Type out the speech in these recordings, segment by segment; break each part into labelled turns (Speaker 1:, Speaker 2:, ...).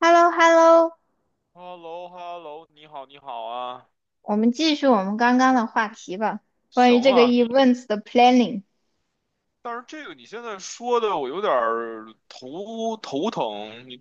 Speaker 1: h e l l o h e l l o
Speaker 2: h e l l o h e l l o 你好，你好啊，
Speaker 1: 我们继续我们刚刚的话题吧，关于
Speaker 2: 行
Speaker 1: 这个
Speaker 2: 啊。
Speaker 1: events 的 planning，
Speaker 2: 但是这个你现在说的，我有点儿头疼，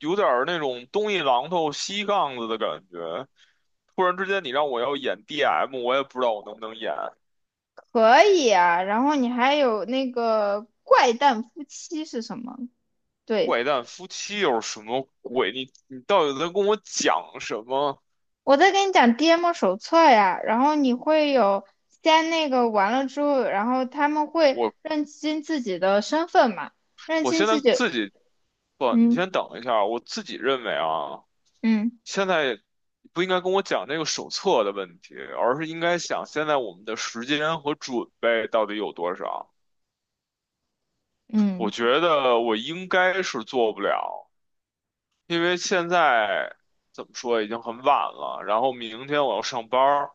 Speaker 2: 有点儿那种东一榔头西杠子的感觉。突然之间，你让我要演 DM，我也不知道我能不能演。
Speaker 1: 可以啊。然后你还有那个怪诞夫妻是什么？对，
Speaker 2: 怪诞夫妻又是什么鬼？你到底在跟我讲什么？
Speaker 1: 我在跟你讲 DM 手册呀，然后你会有先那个完了之后，然后他们会
Speaker 2: 我
Speaker 1: 认清自己的身份嘛，认
Speaker 2: 我
Speaker 1: 清
Speaker 2: 现
Speaker 1: 自
Speaker 2: 在
Speaker 1: 己，
Speaker 2: 自己不，你
Speaker 1: 嗯
Speaker 2: 先等一下，我自己认为啊。
Speaker 1: 嗯
Speaker 2: 现在不应该跟我讲那个手册的问题，而是应该想现在我们的时间和准备到底有多少。我
Speaker 1: 嗯
Speaker 2: 觉得我应该是做不了，因为现在怎么说已经很晚了，然后明天我要上班儿，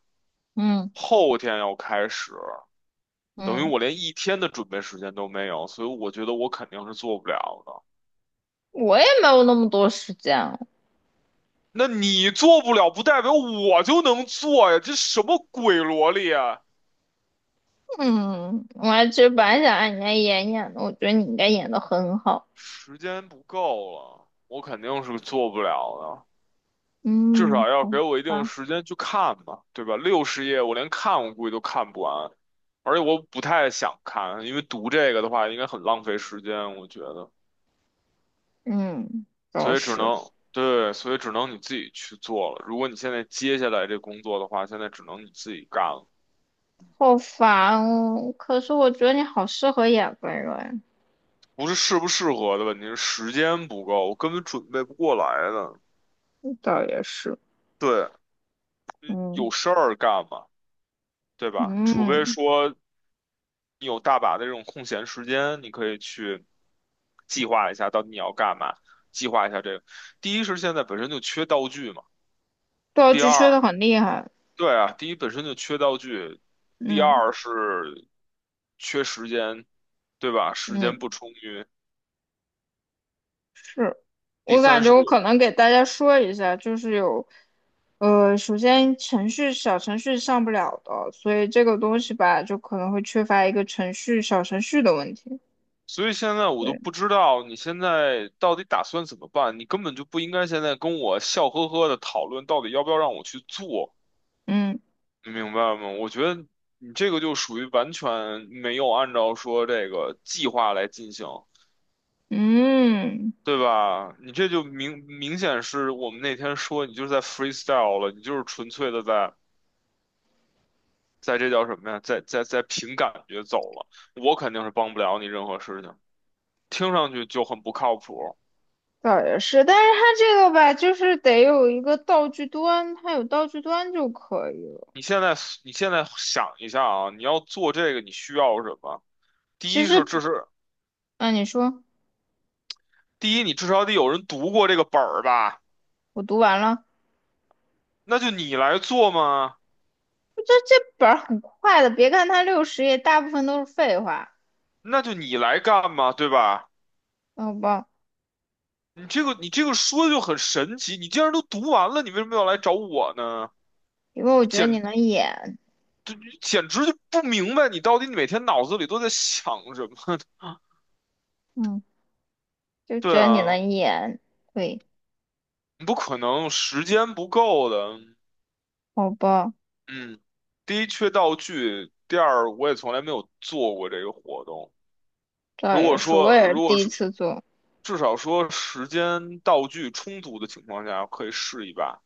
Speaker 1: 嗯
Speaker 2: 后天要开始，等于
Speaker 1: 嗯，
Speaker 2: 我连一天的准备时间都没有，所以我觉得我肯定是做不了的。
Speaker 1: 我也没有那么多时间，
Speaker 2: 那你做不了，不代表我就能做呀，这什么鬼逻辑啊！
Speaker 1: 嗯，我还其实本来想让你家演演的，我觉得你应该演的很好。
Speaker 2: 时间不够了，我肯定是做不了的。至
Speaker 1: 嗯，
Speaker 2: 少要
Speaker 1: 好
Speaker 2: 给我一定
Speaker 1: 吧，
Speaker 2: 时间去看吧，对吧？六十页我连看我估计都看不完，而且我不太想看，因为读这个的话应该很浪费时间，我觉得。
Speaker 1: 嗯，倒
Speaker 2: 所以只
Speaker 1: 是
Speaker 2: 能，对，所以只能你自己去做了。如果你现在接下来这工作的话，现在只能你自己干了，
Speaker 1: 好烦哦。可是我觉得你好适合演温软，
Speaker 2: 不是适不适合的问题，是时间不够，我根本准备不过来的。
Speaker 1: 倒也是。
Speaker 2: 对，有
Speaker 1: 嗯
Speaker 2: 事儿干嘛，对吧？除非
Speaker 1: 嗯，
Speaker 2: 说你有大把的这种空闲时间，你可以去计划一下到底你要干嘛，计划一下这个。第一是现在本身就缺道具嘛，
Speaker 1: 道
Speaker 2: 第
Speaker 1: 具
Speaker 2: 二，
Speaker 1: 吹的很厉害。
Speaker 2: 对啊，第一本身就缺道具，第
Speaker 1: 嗯
Speaker 2: 二是缺时间，对吧？时间
Speaker 1: 嗯，
Speaker 2: 不充裕，
Speaker 1: 是
Speaker 2: 第
Speaker 1: 我感
Speaker 2: 三是
Speaker 1: 觉
Speaker 2: 我，
Speaker 1: 我可能给大家说一下，就是有。首先程序小程序上不了的，所以这个东西吧，就可能会缺乏一个程序小程序的问题。
Speaker 2: 所以现在我都
Speaker 1: 对。
Speaker 2: 不知道你现在到底打算怎么办，你根本就不应该现在跟我笑呵呵的讨论到底要不要让我去做。
Speaker 1: 嗯
Speaker 2: 你明白吗？我觉得你这个就属于完全没有按照说这个计划来进行，
Speaker 1: 嗯，
Speaker 2: 对吧？你这就明明显是我们那天说你就是在 freestyle 了，你就是纯粹的在在这叫什么呀？在在在凭感觉走了。我肯定是帮不了你任何事情，听上去就很不靠谱。
Speaker 1: 倒也是，但是它这个吧，就是得有一个道具端，它有道具端就可以了。
Speaker 2: 你现在你现在想一下啊，你要做这个你需要什么？第
Speaker 1: 其
Speaker 2: 一是
Speaker 1: 实，
Speaker 2: 这是
Speaker 1: 啊，你说
Speaker 2: 第一，你至少得有人读过这个本儿吧？
Speaker 1: 我读完了，
Speaker 2: 那就你来做嘛。
Speaker 1: 这本儿很快的，别看它60页，大部分都是废话，
Speaker 2: 那就你来干嘛，对吧？
Speaker 1: 好吧？
Speaker 2: 你这个说的就很神奇，你既然都读完了，你为什么要来找我呢？
Speaker 1: 因为我
Speaker 2: 你
Speaker 1: 觉得你
Speaker 2: 简
Speaker 1: 能演，
Speaker 2: 就，简直就不明白你到底每天脑子里都在想什么呢。
Speaker 1: 嗯，就
Speaker 2: 对
Speaker 1: 觉得你
Speaker 2: 啊，
Speaker 1: 能演，对，
Speaker 2: 不可能，时间不够的。
Speaker 1: 好吧？
Speaker 2: 嗯，第一缺道具，第二我也从来没有做过这个活动。
Speaker 1: 倒
Speaker 2: 如果
Speaker 1: 也是，我
Speaker 2: 说
Speaker 1: 也是
Speaker 2: 如果
Speaker 1: 第一
Speaker 2: 说
Speaker 1: 次做，
Speaker 2: 至少说时间道具充足的情况下，可以试一把。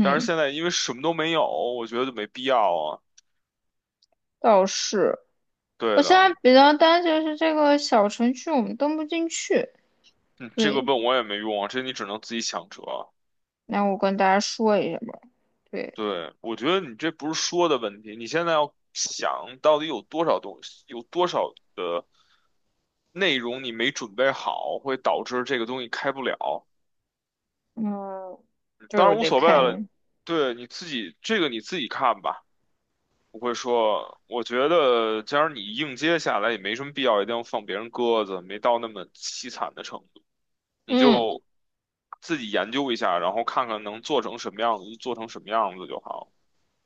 Speaker 2: 但是现在因为什么都没有，我觉得就没必要啊。
Speaker 1: 倒是，我
Speaker 2: 对
Speaker 1: 现
Speaker 2: 的，
Speaker 1: 在比较担心的是这个小程序我们登不进去，
Speaker 2: 嗯，这个
Speaker 1: 对。
Speaker 2: 问我也没用啊，这你只能自己想辙啊。
Speaker 1: 那我跟大家说一下吧。对，
Speaker 2: 对，我觉得你这不是说的问题，你现在要想到底有多少东西，有多少的内容你没准备好，会导致这个东西开不了。
Speaker 1: 嗯，对，
Speaker 2: 当
Speaker 1: 我
Speaker 2: 然无
Speaker 1: 得
Speaker 2: 所谓
Speaker 1: 看一
Speaker 2: 了，
Speaker 1: 眼。
Speaker 2: 对，你自己看吧。不会说，我觉得既然你硬接下来也没什么必要，一定要放别人鸽子，没到那么凄惨的程度。你
Speaker 1: 嗯，
Speaker 2: 就自己研究一下，然后看看能做成什么样子，就做成什么样子就好。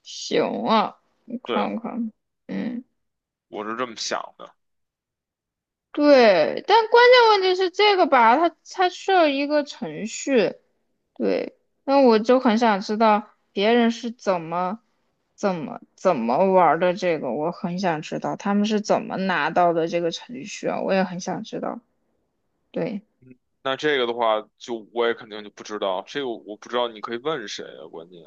Speaker 1: 行啊，我
Speaker 2: 对，
Speaker 1: 看看。嗯，
Speaker 2: 我是这么想的。
Speaker 1: 对，但关键问题是这个吧，它需要一个程序。对，那我就很想知道别人是怎么玩儿的这个，我很想知道他们是怎么拿到的这个程序啊，我也很想知道。对，
Speaker 2: 那这个的话，就我也肯定就不知道，这个我不知道，你可以问谁啊？关键，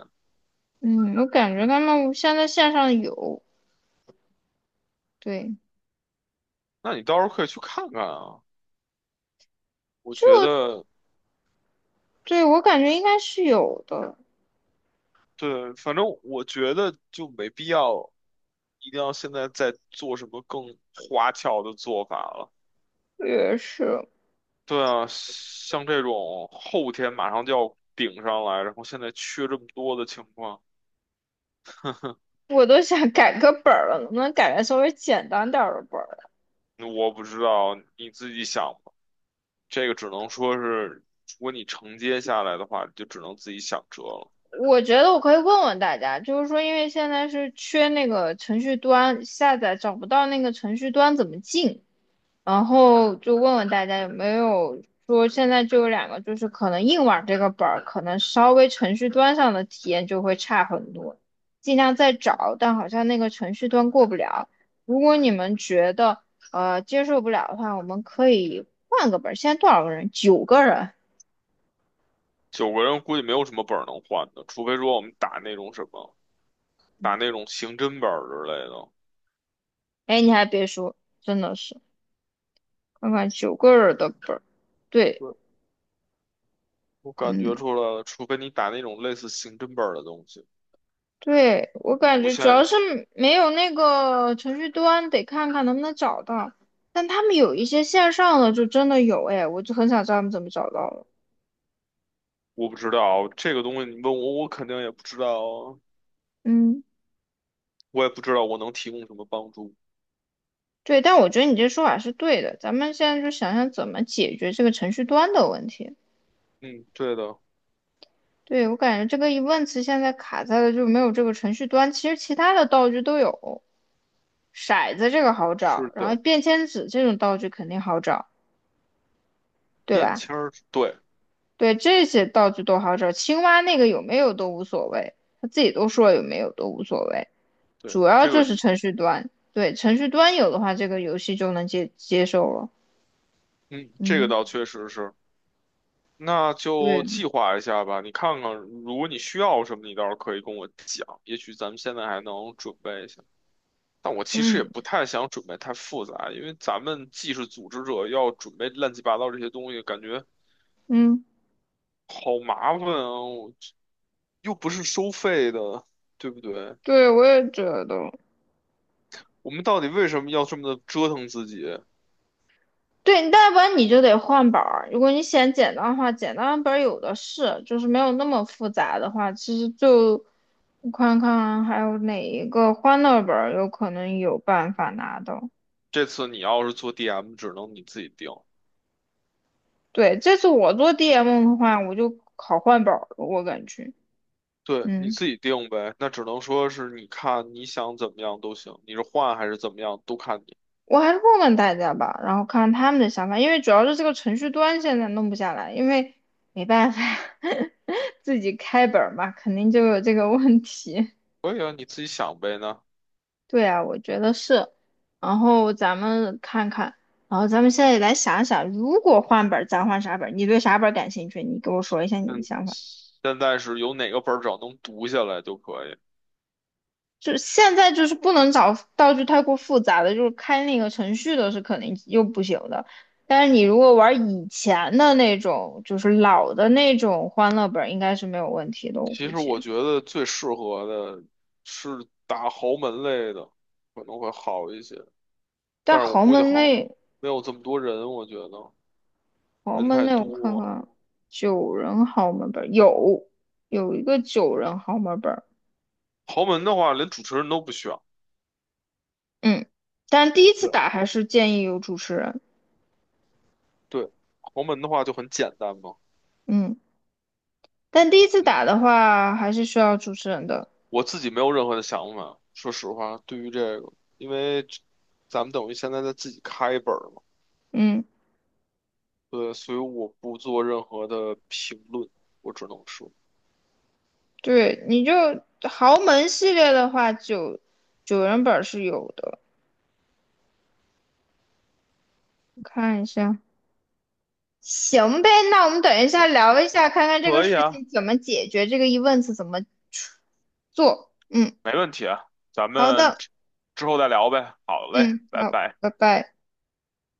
Speaker 1: 嗯，我感觉他们现在线上有，对。
Speaker 2: 那你到时候可以去看看啊。我觉得，
Speaker 1: 对，我感觉应该是有的，
Speaker 2: 对，反正我觉得就没必要，一定要现在再做什么更花俏的做法了。
Speaker 1: 也是，
Speaker 2: 对啊，像这种后天马上就要顶上来，然后现在缺这么多的情况。
Speaker 1: 我都想改个本儿了，能不能改个稍微简单点儿的本儿？
Speaker 2: 我不知道，你自己想吧。这个只能说是，如果你承接下来的话，就只能自己想辙了。
Speaker 1: 我觉得我可以问问大家，就是说，因为现在是缺那个程序端，下载找不到那个程序端怎么进，然后就问问大家有没有说现在就有两个，就是可能硬网这个本儿，可能稍微程序端上的体验就会差很多，尽量再找，但好像那个程序端过不了。如果你们觉得接受不了的话，我们可以换个本儿。现在多少个人？九个人。
Speaker 2: 九个人估计没有什么本儿能换的，除非说我们打那种什么，打那种刑侦本儿之类的。
Speaker 1: 哎，你还别说，真的是看看九个人的本儿，对，
Speaker 2: 对，我感觉
Speaker 1: 嗯。
Speaker 2: 出来了，除非你打那种类似刑侦本儿的东西，
Speaker 1: 对，我感
Speaker 2: 不
Speaker 1: 觉主
Speaker 2: 限
Speaker 1: 要
Speaker 2: 人。
Speaker 1: 是没有那个程序端，得看看能不能找到。但他们有一些线上的就真的有，哎，我就很想知道他们怎么找到了。
Speaker 2: 我不知道这个东西，你问我，我肯定也不知道啊，
Speaker 1: 嗯，
Speaker 2: 我也不知道我能提供什么帮助。
Speaker 1: 对，但我觉得你这说法是对的，咱们现在就想想怎么解决这个程序端的问题。
Speaker 2: 嗯，对的，
Speaker 1: 对，我感觉这个疑问词现在卡在了就没有这个程序端，其实其他的道具都有，骰子这个好
Speaker 2: 是
Speaker 1: 找，然后
Speaker 2: 的，
Speaker 1: 便签纸这种道具肯定好找，对
Speaker 2: 便
Speaker 1: 吧？
Speaker 2: 签儿，对
Speaker 1: 对，这些道具都好找，青蛙那个有没有都无所谓，他自己都说有没有都无所谓，
Speaker 2: 对，
Speaker 1: 主要
Speaker 2: 这个，
Speaker 1: 就是程序端，对，程序端有的话，这个游戏就能接受了。
Speaker 2: 嗯，这个
Speaker 1: 嗯，
Speaker 2: 倒确实是。那就
Speaker 1: 对，
Speaker 2: 计划一下吧。你看看，如果你需要什么，你倒是可以跟我讲，也许咱们现在还能准备一下。但我其实也
Speaker 1: 嗯
Speaker 2: 不太想准备太复杂，因为咱们既是组织者，要准备乱七八糟这些东西，感觉
Speaker 1: 嗯，
Speaker 2: 好麻烦啊！我又不是收费的，对不对？
Speaker 1: 对，我也觉得，
Speaker 2: 我们到底为什么要这么的折腾自己？
Speaker 1: 对，要不然你就得换本儿。如果你嫌简单的话，简单的本儿有的是，就是没有那么复杂的话，其实就我看看还有哪一个欢乐本儿有可能有办法拿到。
Speaker 2: 这次你要是做 DM，只能你自己定。
Speaker 1: 对，这次我做 DM 的话，我就考换本儿了，我感觉，
Speaker 2: 对，你
Speaker 1: 嗯，
Speaker 2: 自己定呗。那只能说是你看你想怎么样都行，你是换还是怎么样都看你。
Speaker 1: 我还是问问大家吧，然后看看他们的想法，因为主要是这个程序端现在弄不下来，因为没办法，自己开本儿嘛，肯定就有这个问题。
Speaker 2: 可以啊，你自己想呗那
Speaker 1: 对啊，我觉得是。然后咱们看看，然后咱们现在来想想，如果换本儿，咱换啥本儿？你对啥本儿感兴趣？你给我说一下你的
Speaker 2: 嗯，
Speaker 1: 想法。
Speaker 2: 现在是有哪个本儿只要能读下来就可以。
Speaker 1: 就是现在就是不能找道具太过复杂的，就是开那个程序的是肯定又不行的。但是你如果玩以前的那种，就是老的那种欢乐本，应该是没有问题的，我
Speaker 2: 其
Speaker 1: 估
Speaker 2: 实我
Speaker 1: 计。
Speaker 2: 觉得最适合的是打豪门类的，可能会好一些。
Speaker 1: 但
Speaker 2: 但是我
Speaker 1: 豪
Speaker 2: 估计
Speaker 1: 门
Speaker 2: 好
Speaker 1: 那
Speaker 2: 没有这么多人，我觉得
Speaker 1: 豪
Speaker 2: 人
Speaker 1: 门
Speaker 2: 太
Speaker 1: 那，我看
Speaker 2: 多。
Speaker 1: 看，九人豪门本有一个九人豪门本，
Speaker 2: 豪门的话，连主持人都不选。
Speaker 1: 嗯，但第一次
Speaker 2: 对，
Speaker 1: 打还是建议有主持人，
Speaker 2: 对，豪门的话就很简单嘛。
Speaker 1: 嗯，但第一次打
Speaker 2: 嗯
Speaker 1: 的话还是需要主持人的，
Speaker 2: 我自己没有任何的想法，说实话，对于这个，因为这咱们等于现在在自己开一本儿嘛，
Speaker 1: 嗯。
Speaker 2: 对，所以我不做任何的评论，我只能说，
Speaker 1: 对，你就豪门系列的话，九人本是有的，我看一下。行呗，那我们等一下聊一下，看看这个
Speaker 2: 可以
Speaker 1: 事
Speaker 2: 啊，
Speaker 1: 情怎么解决，这个 events 怎么做。嗯，
Speaker 2: 没问题啊，咱
Speaker 1: 好
Speaker 2: 们
Speaker 1: 的，
Speaker 2: 之之后再聊呗。好嘞，
Speaker 1: 嗯，
Speaker 2: 拜
Speaker 1: 好，
Speaker 2: 拜。
Speaker 1: 拜拜。